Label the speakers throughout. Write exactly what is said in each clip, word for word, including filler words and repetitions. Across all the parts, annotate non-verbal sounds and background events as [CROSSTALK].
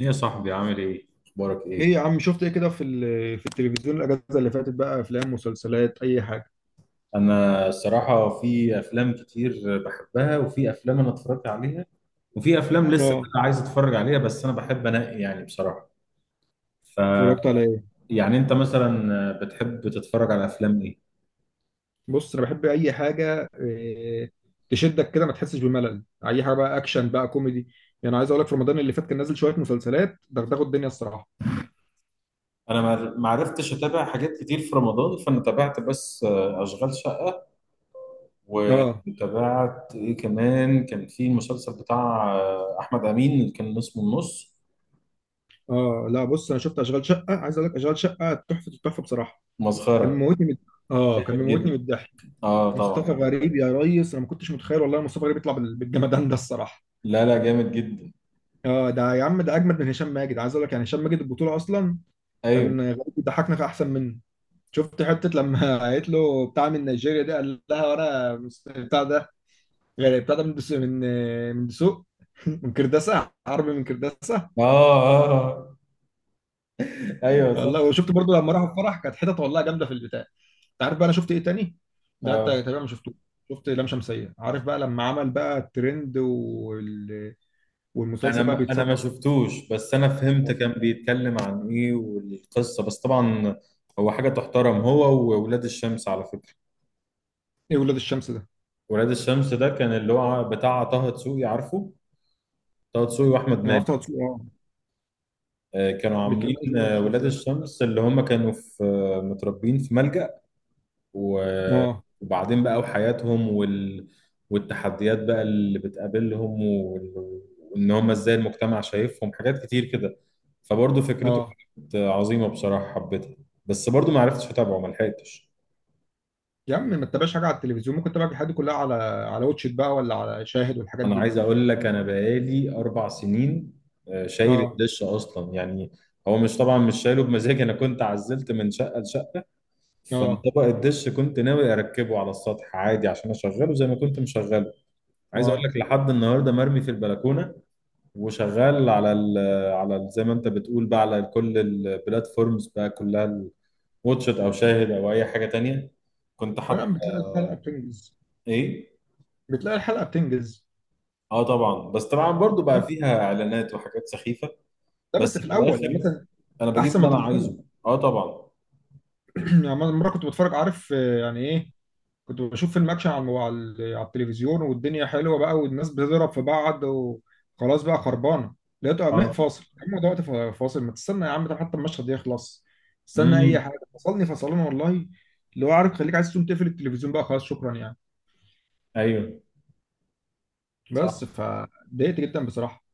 Speaker 1: ايه يا صاحبي، عامل ايه؟ اخبارك
Speaker 2: ايه
Speaker 1: ايه؟
Speaker 2: يا عم، شفت ايه كده في ال- في التلفزيون الاجازه اللي فاتت؟ بقى افلام، مسلسلات، اي حاجه.
Speaker 1: انا الصراحه في افلام كتير بحبها، وفي افلام انا اتفرجت عليها، وفي افلام لسه
Speaker 2: اه.
Speaker 1: بقى عايز اتفرج عليها، بس انا بحب انقي يعني بصراحه. ف
Speaker 2: اتفرجت على ايه؟
Speaker 1: يعني انت مثلا بتحب تتفرج على افلام ايه؟
Speaker 2: بص انا بحب اي حاجه إيه تشدك كده، ما تحسش بملل، اي حاجه بقى اكشن بقى كوميدي. يعني عايز اقول لك في رمضان اللي فات كان نازل شويه مسلسلات دغدغوا الدنيا الصراحه.
Speaker 1: انا ما ما عرفتش اتابع حاجات كتير في رمضان، فانا تابعت بس اشغال شقه،
Speaker 2: اه.
Speaker 1: وتابعت ايه كمان، كان في المسلسل بتاع احمد امين اللي كان اسمه النص.
Speaker 2: اه. لا بص، انا شفت اشغال شقه، عايز اقول لك اشغال شقه تحفه التحفه بصراحه. كان
Speaker 1: مسخره.
Speaker 2: موتني من اه كان
Speaker 1: جامد
Speaker 2: موتني
Speaker 1: جدا.
Speaker 2: من الضحك.
Speaker 1: اه
Speaker 2: مصطفى
Speaker 1: طبعا.
Speaker 2: غريب يا ريس، انا ما كنتش متخيل والله مصطفى غريب يطلع بال- بالجمدان ده الصراحه.
Speaker 1: لا لا، جامد جدا.
Speaker 2: اه، ده يا عم، ده اجمد من هشام ماجد، عايز اقول لك، يعني هشام ماجد البطوله اصلا. كان
Speaker 1: ايوه.
Speaker 2: غريب بيضحكنا في احسن منه. شفت حته لما [LAUGHS] قالت له بتاع من نيجيريا ده، قال لها وانا مس- بتاع ده، غير بتاع ده من دسوق، من من دسوق [LAUGHS] من كرداسه، عربي من كرداسه.
Speaker 1: اه، اه، آه. ايوه، صح.
Speaker 2: والله، وشفت برضو لما راحوا الفرح كانت حتت والله جامده في البتاع. انت عارف بقى انا شفت ايه تاني؟ ده انت
Speaker 1: اه.
Speaker 2: تقريبا ما شفتوش. شفت لام شمسيه، عارف بقى لما عمل بقى الترند وال...
Speaker 1: انا
Speaker 2: والمسلسل بقى
Speaker 1: ما انا ما
Speaker 2: بيتصدر.
Speaker 1: شفتوش، بس انا فهمت كان بيتكلم عن ايه والقصه، بس طبعا هو حاجه تحترم، هو وولاد الشمس على فكره.
Speaker 2: ايه ولاد الشمس ده؟
Speaker 1: ولاد الشمس ده كان اللي هو بتاع طه دسوقي، عارفه؟ طه دسوقي واحمد
Speaker 2: انا
Speaker 1: مالك.
Speaker 2: عرفت هو. اه.
Speaker 1: آه، كانوا
Speaker 2: بيتكلم
Speaker 1: عاملين
Speaker 2: ايه ولاد
Speaker 1: آه،
Speaker 2: الشمس
Speaker 1: ولاد
Speaker 2: ده؟
Speaker 1: الشمس اللي هم كانوا في آه، متربين في ملجأ. و-
Speaker 2: اه.
Speaker 1: وبعدين بقى وحياتهم وال... والتحديات بقى اللي بتقابلهم، وال... وان هم ازاي المجتمع شايفهم حاجات كتير كده، فبرضه فكرته
Speaker 2: اه
Speaker 1: كانت عظيمة بصراحة، حبيتها. بس برضه ما عرفتش اتابعه، ما لحقتش.
Speaker 2: يا عم، ما تتابعش حاجه على التلفزيون، ممكن تتابع الحاجات دي كلها على على واتشت بقى، ولا على شاهد والحاجات
Speaker 1: انا
Speaker 2: دي.
Speaker 1: عايز اقول لك انا بقالي اربع سنين آه، شايل
Speaker 2: اه.
Speaker 1: الدش اصلا يعني. هو مش، طبعا مش شايله بمزاجي، انا كنت عزلت من شقه لشقه،
Speaker 2: اه.
Speaker 1: فطبق الدش كنت ناوي اركبه على السطح عادي عشان اشغله زي ما كنت مشغله. عايز اقول
Speaker 2: اه.
Speaker 1: لك لحد النهارده مرمي في البلكونه، وشغال على ال على ال- زي ما انت بتقول بقى على كل البلاتفورمز بقى كلها، واتشت او شاهد او اي حاجه تانية. كنت
Speaker 2: انا
Speaker 1: حاطط.
Speaker 2: بتلاقي الحلقه بتنجز.
Speaker 1: ايه؟
Speaker 2: بتلاقي الحلقه بتنجز.
Speaker 1: اه طبعا، بس طبعا برضو بقى فيها اعلانات وحاجات سخيفه،
Speaker 2: لا بس
Speaker 1: بس
Speaker 2: في
Speaker 1: في
Speaker 2: الاول يعني
Speaker 1: الاخر
Speaker 2: مثلا،
Speaker 1: انا بجيب
Speaker 2: احسن ما
Speaker 1: اللي انا
Speaker 2: تفصلها.
Speaker 1: عايزه، اه طبعا.
Speaker 2: [CLEARS THROAT] يعني مره كنت بتفرج، عارف آه، يعني ايه، كنت بشوف الماتش على الم- على ال- على التلفزيون، والدنيا حلوه بقى والناس بتضرب في بعض وخلاص بقى خربانه، لقيته قام
Speaker 1: اه.
Speaker 2: فاصل. يا عم، ده وقت فا- فاصل؟ ما تستنى يا عم، ده حتى المشهد يخلص، استنى اي
Speaker 1: امم.
Speaker 2: حاجه. فصلني فصلنا والله. اللي هو عارف، خليك عايز تقوم تقفل التلفزيون بقى خلاص، شكرا يعني.
Speaker 1: ايوه، صح.
Speaker 2: بس فضايقت جدا بصراحه.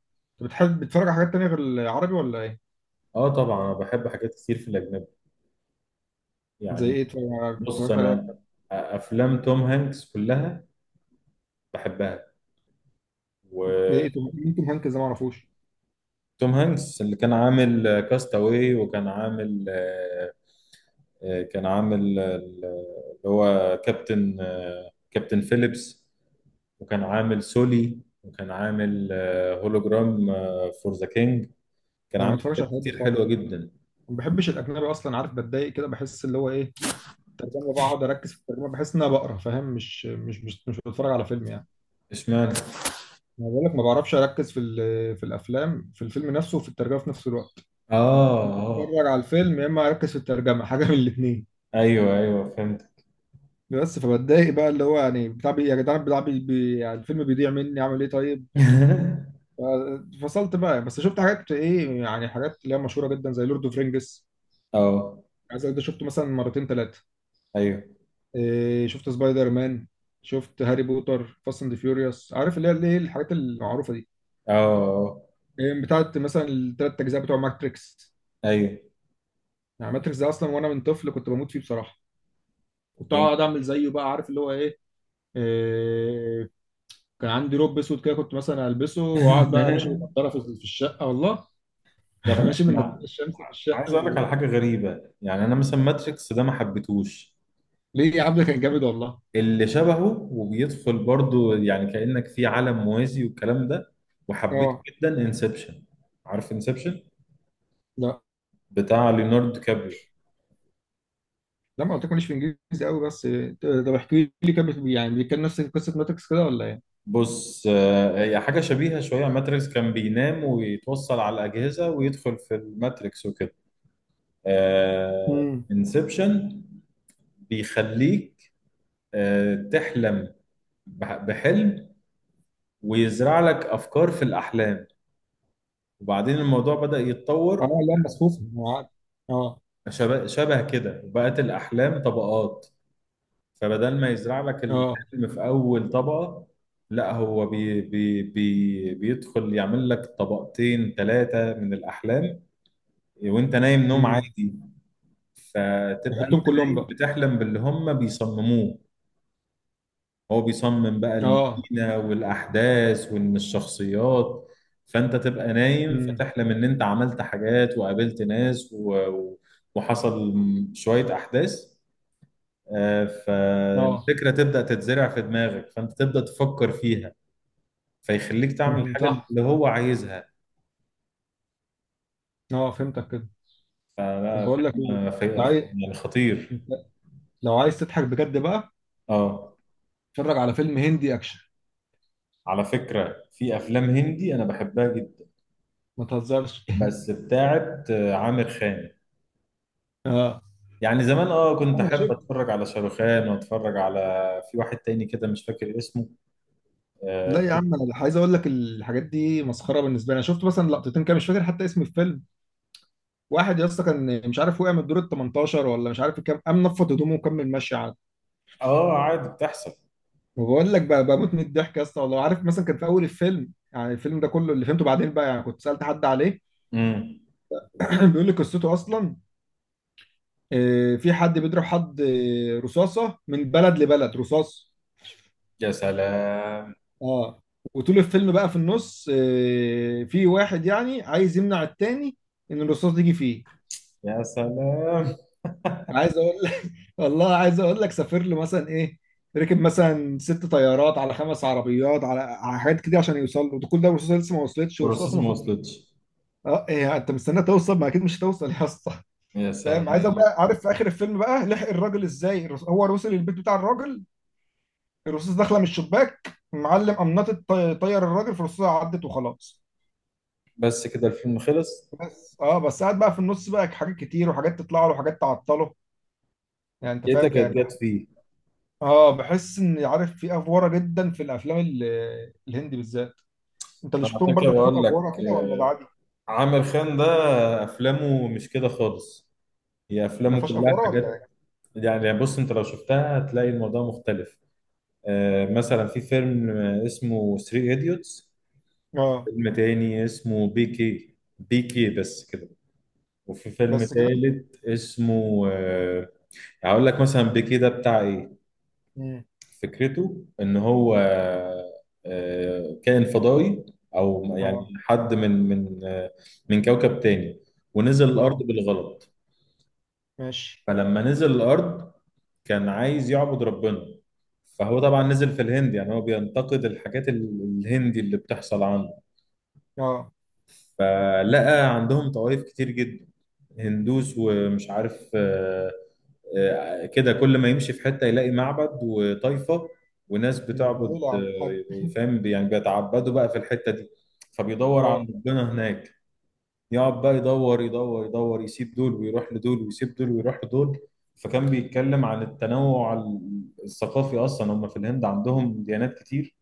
Speaker 2: انت بتحب بتتفرج على حاجات تانية غير العربي ولا ايه؟
Speaker 1: اه طبعا، انا بحب حاجات كتير في الاجنبي
Speaker 2: زي
Speaker 1: يعني.
Speaker 2: ايه اتفرج على-
Speaker 1: بص
Speaker 2: اتفرجت على
Speaker 1: انا، افلام توم هانكس كلها بحبها. و
Speaker 2: ايه؟ إيه توم- مين توم هانكس ده، ما اعرفوش.
Speaker 1: توم هانكس اللي كان عامل كاستاوي، وكان عامل آه، آه، كان عامل آه، اللي هو كابتن، آه، كابتن فيليبس، وكان عامل سولي، وكان عامل هولوجرام فور ذا كينج. كان
Speaker 2: ده ما
Speaker 1: عامل
Speaker 2: بتفرجش على
Speaker 1: حاجات
Speaker 2: الحاجات دي
Speaker 1: كتير
Speaker 2: خالص،
Speaker 1: حلوة جدا.
Speaker 2: ما بحبش الاجنبي اصلا، عارف بتضايق كده، بحس اللي هو ايه الترجمه، بقعد اركز في الترجمه، بحس ان انا بقرا فاهم، مش مش مش, مش بتفرج على فيلم يعني.
Speaker 1: اشمعنى؟
Speaker 2: انا بقول لك ما بعرفش اركز في ال- في الافلام، في الفيلم نفسه وفي الترجمه في نفس الوقت.
Speaker 1: اه. اه.
Speaker 2: بتفرج على الفيلم يا اما اركز في الترجمه، حاجه من الاثنين.
Speaker 1: ايوه ايوه، فهمت.
Speaker 2: بس فبتضايق بقى اللي هو يعني بتاع بي- يا جدعان، بتاع بي بي- يعني الفيلم بيضيع مني، اعمل ايه طيب؟
Speaker 1: [LAUGHS]
Speaker 2: ف- فصلت بقى، بس شفت حاجات ايه، يعني حاجات اللي هي مشهوره جدا زي لورد اوف رينجز،
Speaker 1: اه.
Speaker 2: عايز أقول ده شفته مثلا مرتين ثلاثه.
Speaker 1: ايوه.
Speaker 2: إيه، شفت سبايدر مان، شفت هاري بوتر، فاست اند فيوريوس، عارف اللي هي اللي هي الحاجات المعروفه دي.
Speaker 1: اه. آه.
Speaker 2: إيه، بتاعت مثلا الثلاث اجزاء بتوع ماتريكس.
Speaker 1: ايوه.
Speaker 2: يعني ماتريكس ده اصلا وانا من طفل كنت بموت فيه بصراحه. كنت
Speaker 1: جامد.
Speaker 2: اقعد اعمل زيه بقى عارف اللي هو ايه. إيه، كان عندي روب اسود كده، كنت مثلا البسه واقعد بقى ماشي
Speaker 1: [LAUGHS]
Speaker 2: بالنضاره في في الشقه والله.
Speaker 1: طب
Speaker 2: [LAUGHS]
Speaker 1: انا
Speaker 2: ماشي بالنضاره
Speaker 1: أنا
Speaker 2: الشمس في
Speaker 1: عايز
Speaker 2: الشقه
Speaker 1: اقول لك
Speaker 2: و...
Speaker 1: على حاجه غريبه، يعني انا مثلا ماتريكس ده ما حبيتهوش.
Speaker 2: ليه يا عم؟ ده كان جامد والله.
Speaker 1: اللي شبهه وبيدخل برضو، يعني كانك في عالم موازي والكلام ده، وحبيته
Speaker 2: اه.
Speaker 1: جدا انسبشن. عارف انسبشن؟
Speaker 2: لا،
Speaker 1: بتاع ليوناردو كابريو.
Speaker 2: لا، ما قلت لكم ليش، في انجليزي قوي بس. إيه، طب احكي لي، كان بت- يعني بيتكلم نفس قصه ماتريكس كده ولا ايه؟
Speaker 1: بص، آه، هي حاجه شبيهه شويه ماتريكس، كان بينام ويتوصل على الاجهزه ويدخل في الماتريكس وكده. آه.
Speaker 2: امم.
Speaker 1: انسبشن بيخليك آه، تحلم، بح- بحلم، ويزرع لك افكار في الاحلام. وبعدين الموضوع بدأ
Speaker 2: اه
Speaker 1: يتطور
Speaker 2: لا، مصفوفه عادي. اه.
Speaker 1: شبه, شبه كده، وبقت الأحلام طبقات. فبدل ما يزرع لك
Speaker 2: اه.
Speaker 1: الحلم في أول طبقة، لا، هو بي بي بي بيدخل يعمل لك طبقتين ثلاثة من الأحلام وأنت نايم نوم
Speaker 2: امم.
Speaker 1: عادي، فتبقى أنت
Speaker 2: يحطهم كلهم
Speaker 1: نايم
Speaker 2: بقى.
Speaker 1: بتحلم باللي هم بيصمموه. هو بيصمم بقى
Speaker 2: اه.
Speaker 1: المدينة والأحداث وإن الشخصيات، فأنت تبقى نايم
Speaker 2: امم.
Speaker 1: فتحلم إن أنت عملت حاجات وقابلت ناس و... و- وحصل شوية أحداث. آه،
Speaker 2: اه.
Speaker 1: فالفكرة تبدأ تتزرع في دماغك، فأنت تبدأ تفكر فيها، فيخليك تعمل
Speaker 2: مهم.
Speaker 1: الحاجة
Speaker 2: صح.
Speaker 1: اللي هو عايزها.
Speaker 2: اه، فهمتك كده. طب
Speaker 1: فلا،
Speaker 2: بقول لك ايه،
Speaker 1: فيلم
Speaker 2: انت
Speaker 1: في-
Speaker 2: عايز،
Speaker 1: في- يعني خطير.
Speaker 2: انت لو عايز تضحك بجد بقى
Speaker 1: اه،
Speaker 2: اتفرج على فيلم هندي اكشن.
Speaker 1: على فكرة في أفلام هندي أنا بحبها جدا،
Speaker 2: ما تهزرش. [LAUGHS]
Speaker 1: بس بتاعت آه، عامر خان
Speaker 2: اه
Speaker 1: يعني. زمان اه
Speaker 2: يا
Speaker 1: كنت
Speaker 2: عم انا
Speaker 1: احب
Speaker 2: شفت.
Speaker 1: اتفرج على شاروخان، واتفرج على في واحد تاني كده مش فاكر اسمه.
Speaker 2: لا
Speaker 1: اه.
Speaker 2: يا عم، انا عايز اقول لك الحاجات دي مسخره بالنسبه لي. انا شفت مثلا لقطتين كده، مش فاكر حتى اسم الفيلم. واحد يا اسطى كان مش عارف، وقع من الدور ال تمنتاشر ولا مش عارف كام، قام نفض هدومه وكمل ماشي عادي.
Speaker 1: آه، عادي بتحصل.
Speaker 2: وبقول لك بقى، بموت من الضحك يا اسطى والله. عارف مثلا كان في اول الفيلم، يعني الفيلم ده كله اللي فهمته بعدين بقى، يعني كنت سالت حد عليه.
Speaker 1: امم.
Speaker 2: [CLEARS THROAT] بيقول لي قصته اصلا. آه، في حد بيضرب حد، آه، رصاصه من بلد لبلد، رصاص.
Speaker 1: يا سلام.
Speaker 2: اه. وطول الفيلم بقى في النص، آه، في واحد يعني عايز يمنع التاني ان الرصاص تيجي فيه.
Speaker 1: يا سلام. [LAUGHS]
Speaker 2: عايز اقول لك. [LAUGHS] والله عايز اقول لك سافر له مثلا ايه، ركب مثلا ست طيارات على خمس عربيات على على حاجات كده عشان يوصل له ده، كل ده الرصاصه لسه ما وصلتش، والرصاصه
Speaker 1: بروسيس ما
Speaker 2: المفروض.
Speaker 1: وصلتش.
Speaker 2: اه إيه، انت مستني توصل، ما اكيد مش هتوصل يا اسطى.
Speaker 1: يا
Speaker 2: فاهم؟ عايز
Speaker 1: سلام.
Speaker 2: بقى عارف في اخر الفيلم بقى لحق الراجل ازاي الرص- هو وصل البيت بتاع الراجل، الرصاص داخله من الشباك معلم قمنطت طي- طير الراجل، فالرصاصه عدت وخلاص.
Speaker 1: بس كده الفيلم خلص.
Speaker 2: بس اه، بس قاعد بقى في النص بقى حاجات كتير، وحاجات تطلع له وحاجات تعطله، يعني انت فاهم
Speaker 1: لقيتك
Speaker 2: كده.
Speaker 1: اتجت فيه.
Speaker 2: اه بحس ان عارف في افوره جدا في الافلام ال- الهندي بالذات. انت اللي
Speaker 1: انا
Speaker 2: شفتهم
Speaker 1: عشان كده
Speaker 2: برضه فيهم
Speaker 1: بقول لك،
Speaker 2: افوره كده ولا ده
Speaker 1: آه،
Speaker 2: عادي؟
Speaker 1: عامر خان ده افلامه مش كده خالص، هي
Speaker 2: ما
Speaker 1: افلامه
Speaker 2: فيهاش
Speaker 1: كلها
Speaker 2: افوره ولا
Speaker 1: حاجات.
Speaker 2: ايه؟
Speaker 1: يعني بص، انت لو شفتها هتلاقي الموضوع مختلف. آه، مثلا في فيلم آه، اسمه ثلاث ايديوتس،
Speaker 2: اه.
Speaker 1: فيلم تاني اسمه بي كي بي كي بس كده، وفي فيلم
Speaker 2: بس كده.
Speaker 1: تالت اسمه آه، هقول لك مثلا بي كي ده بتاع ايه.
Speaker 2: امم.
Speaker 1: فكرته ان هو آه، كائن فضائي، او يعني
Speaker 2: اه.
Speaker 1: حد من من آه، من كوكب تاني، ونزل الارض
Speaker 2: اه.
Speaker 1: بالغلط.
Speaker 2: ماشي.
Speaker 1: فلما نزل الارض كان عايز يعبد ربنا، فهو طبعا نزل في الهند. يعني هو بينتقد الحاجات ال- الهندي اللي بتحصل عنده،
Speaker 2: اه.
Speaker 1: فلقى عندهم طوائف كتير جدا، هندوس ومش عارف آه، آه، كده كل ما يمشي في حتة يلاقي معبد وطائفة وناس
Speaker 2: امم. ده
Speaker 1: بتعبد،
Speaker 2: ليه يا عم الحاج؟
Speaker 1: آه، فاهم، يعني بيتعبدوا بقى في الحتة دي. فبيدور على
Speaker 2: اه.
Speaker 1: ربنا هناك، يقعد بقى يدور يدور يدور، يسيب دول ويروح لدول ويسيب دول ويروح لدول. فكان بيتكلم عن التنوع الثقافي، أصلا هم في الهند عندهم ديانات كتير.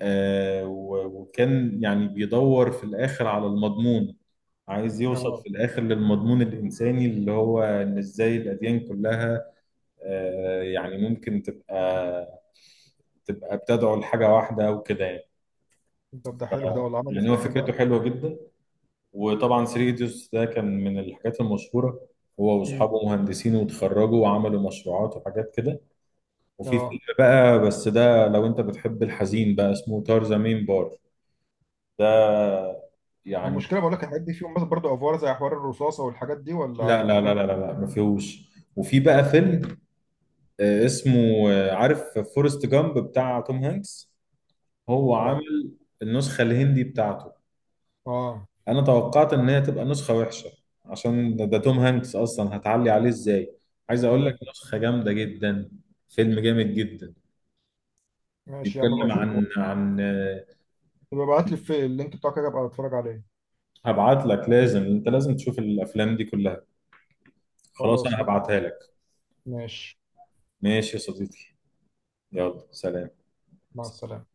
Speaker 1: آه، و- وكان يعني بيدور في الآخر على المضمون، عايز يوصل
Speaker 2: اه.
Speaker 1: في الآخر للمضمون الإنساني، اللي هو إن إزاي الأديان كلها آه، يعني ممكن تبقى تبقى بتدعو لحاجة واحدة وكده يعني.
Speaker 2: طب ده
Speaker 1: ف-
Speaker 2: حلو، ده ولا عمل ايه في
Speaker 1: يعني هو
Speaker 2: الاخر
Speaker 1: فكرته
Speaker 2: بقى؟
Speaker 1: حلوة جدا. وطبعا سيريديوس ده كان من الحاجات المشهورة، هو
Speaker 2: امم.
Speaker 1: وأصحابه مهندسين وتخرجوا وعملوا مشروعات وحاجات كده. وفي
Speaker 2: اه.
Speaker 1: فيلم بقى، بس ده لو أنت بتحب الحزين بقى، اسمه تارزا مين بار. ده يعني.
Speaker 2: المشكله بقول لك الحاجات دي فيهم بس برضه افوار زي حوار الرصاصه والحاجات دي،
Speaker 1: لا
Speaker 2: ولا
Speaker 1: لا لا
Speaker 2: افلام
Speaker 1: لا
Speaker 2: تخ-
Speaker 1: لا لا، ما فيهوش. وفي بقى فيلم آه، اسمه، آه، عارف فورست جامب بتاع توم هانكس؟ هو
Speaker 2: لا.
Speaker 1: عامل النسخة الهندي بتاعته.
Speaker 2: اه.
Speaker 1: انا توقعت ان هي تبقى نسخة وحشة، عشان ده, ده توم هانكس اصلا هتعلي عليه ازاي. عايز اقول لك
Speaker 2: مم.
Speaker 1: نسخة جامدة جدا، فيلم جامد جدا.
Speaker 2: ماشي يا عم، ابقى
Speaker 1: بيتكلم
Speaker 2: اشوفه.
Speaker 1: عن عن آه،
Speaker 2: يبقى ابعت لي في اللينك بتاعك كده، ابقى اتفرج عليه.
Speaker 1: هبعت لك، لازم انت لازم تشوف الافلام دي كلها، خلاص
Speaker 2: خلاص
Speaker 1: انا
Speaker 2: ماشي.
Speaker 1: هبعتها لك.
Speaker 2: ماشي.
Speaker 1: ماشي يا صديقي، يلا سلام.
Speaker 2: مع السلامه.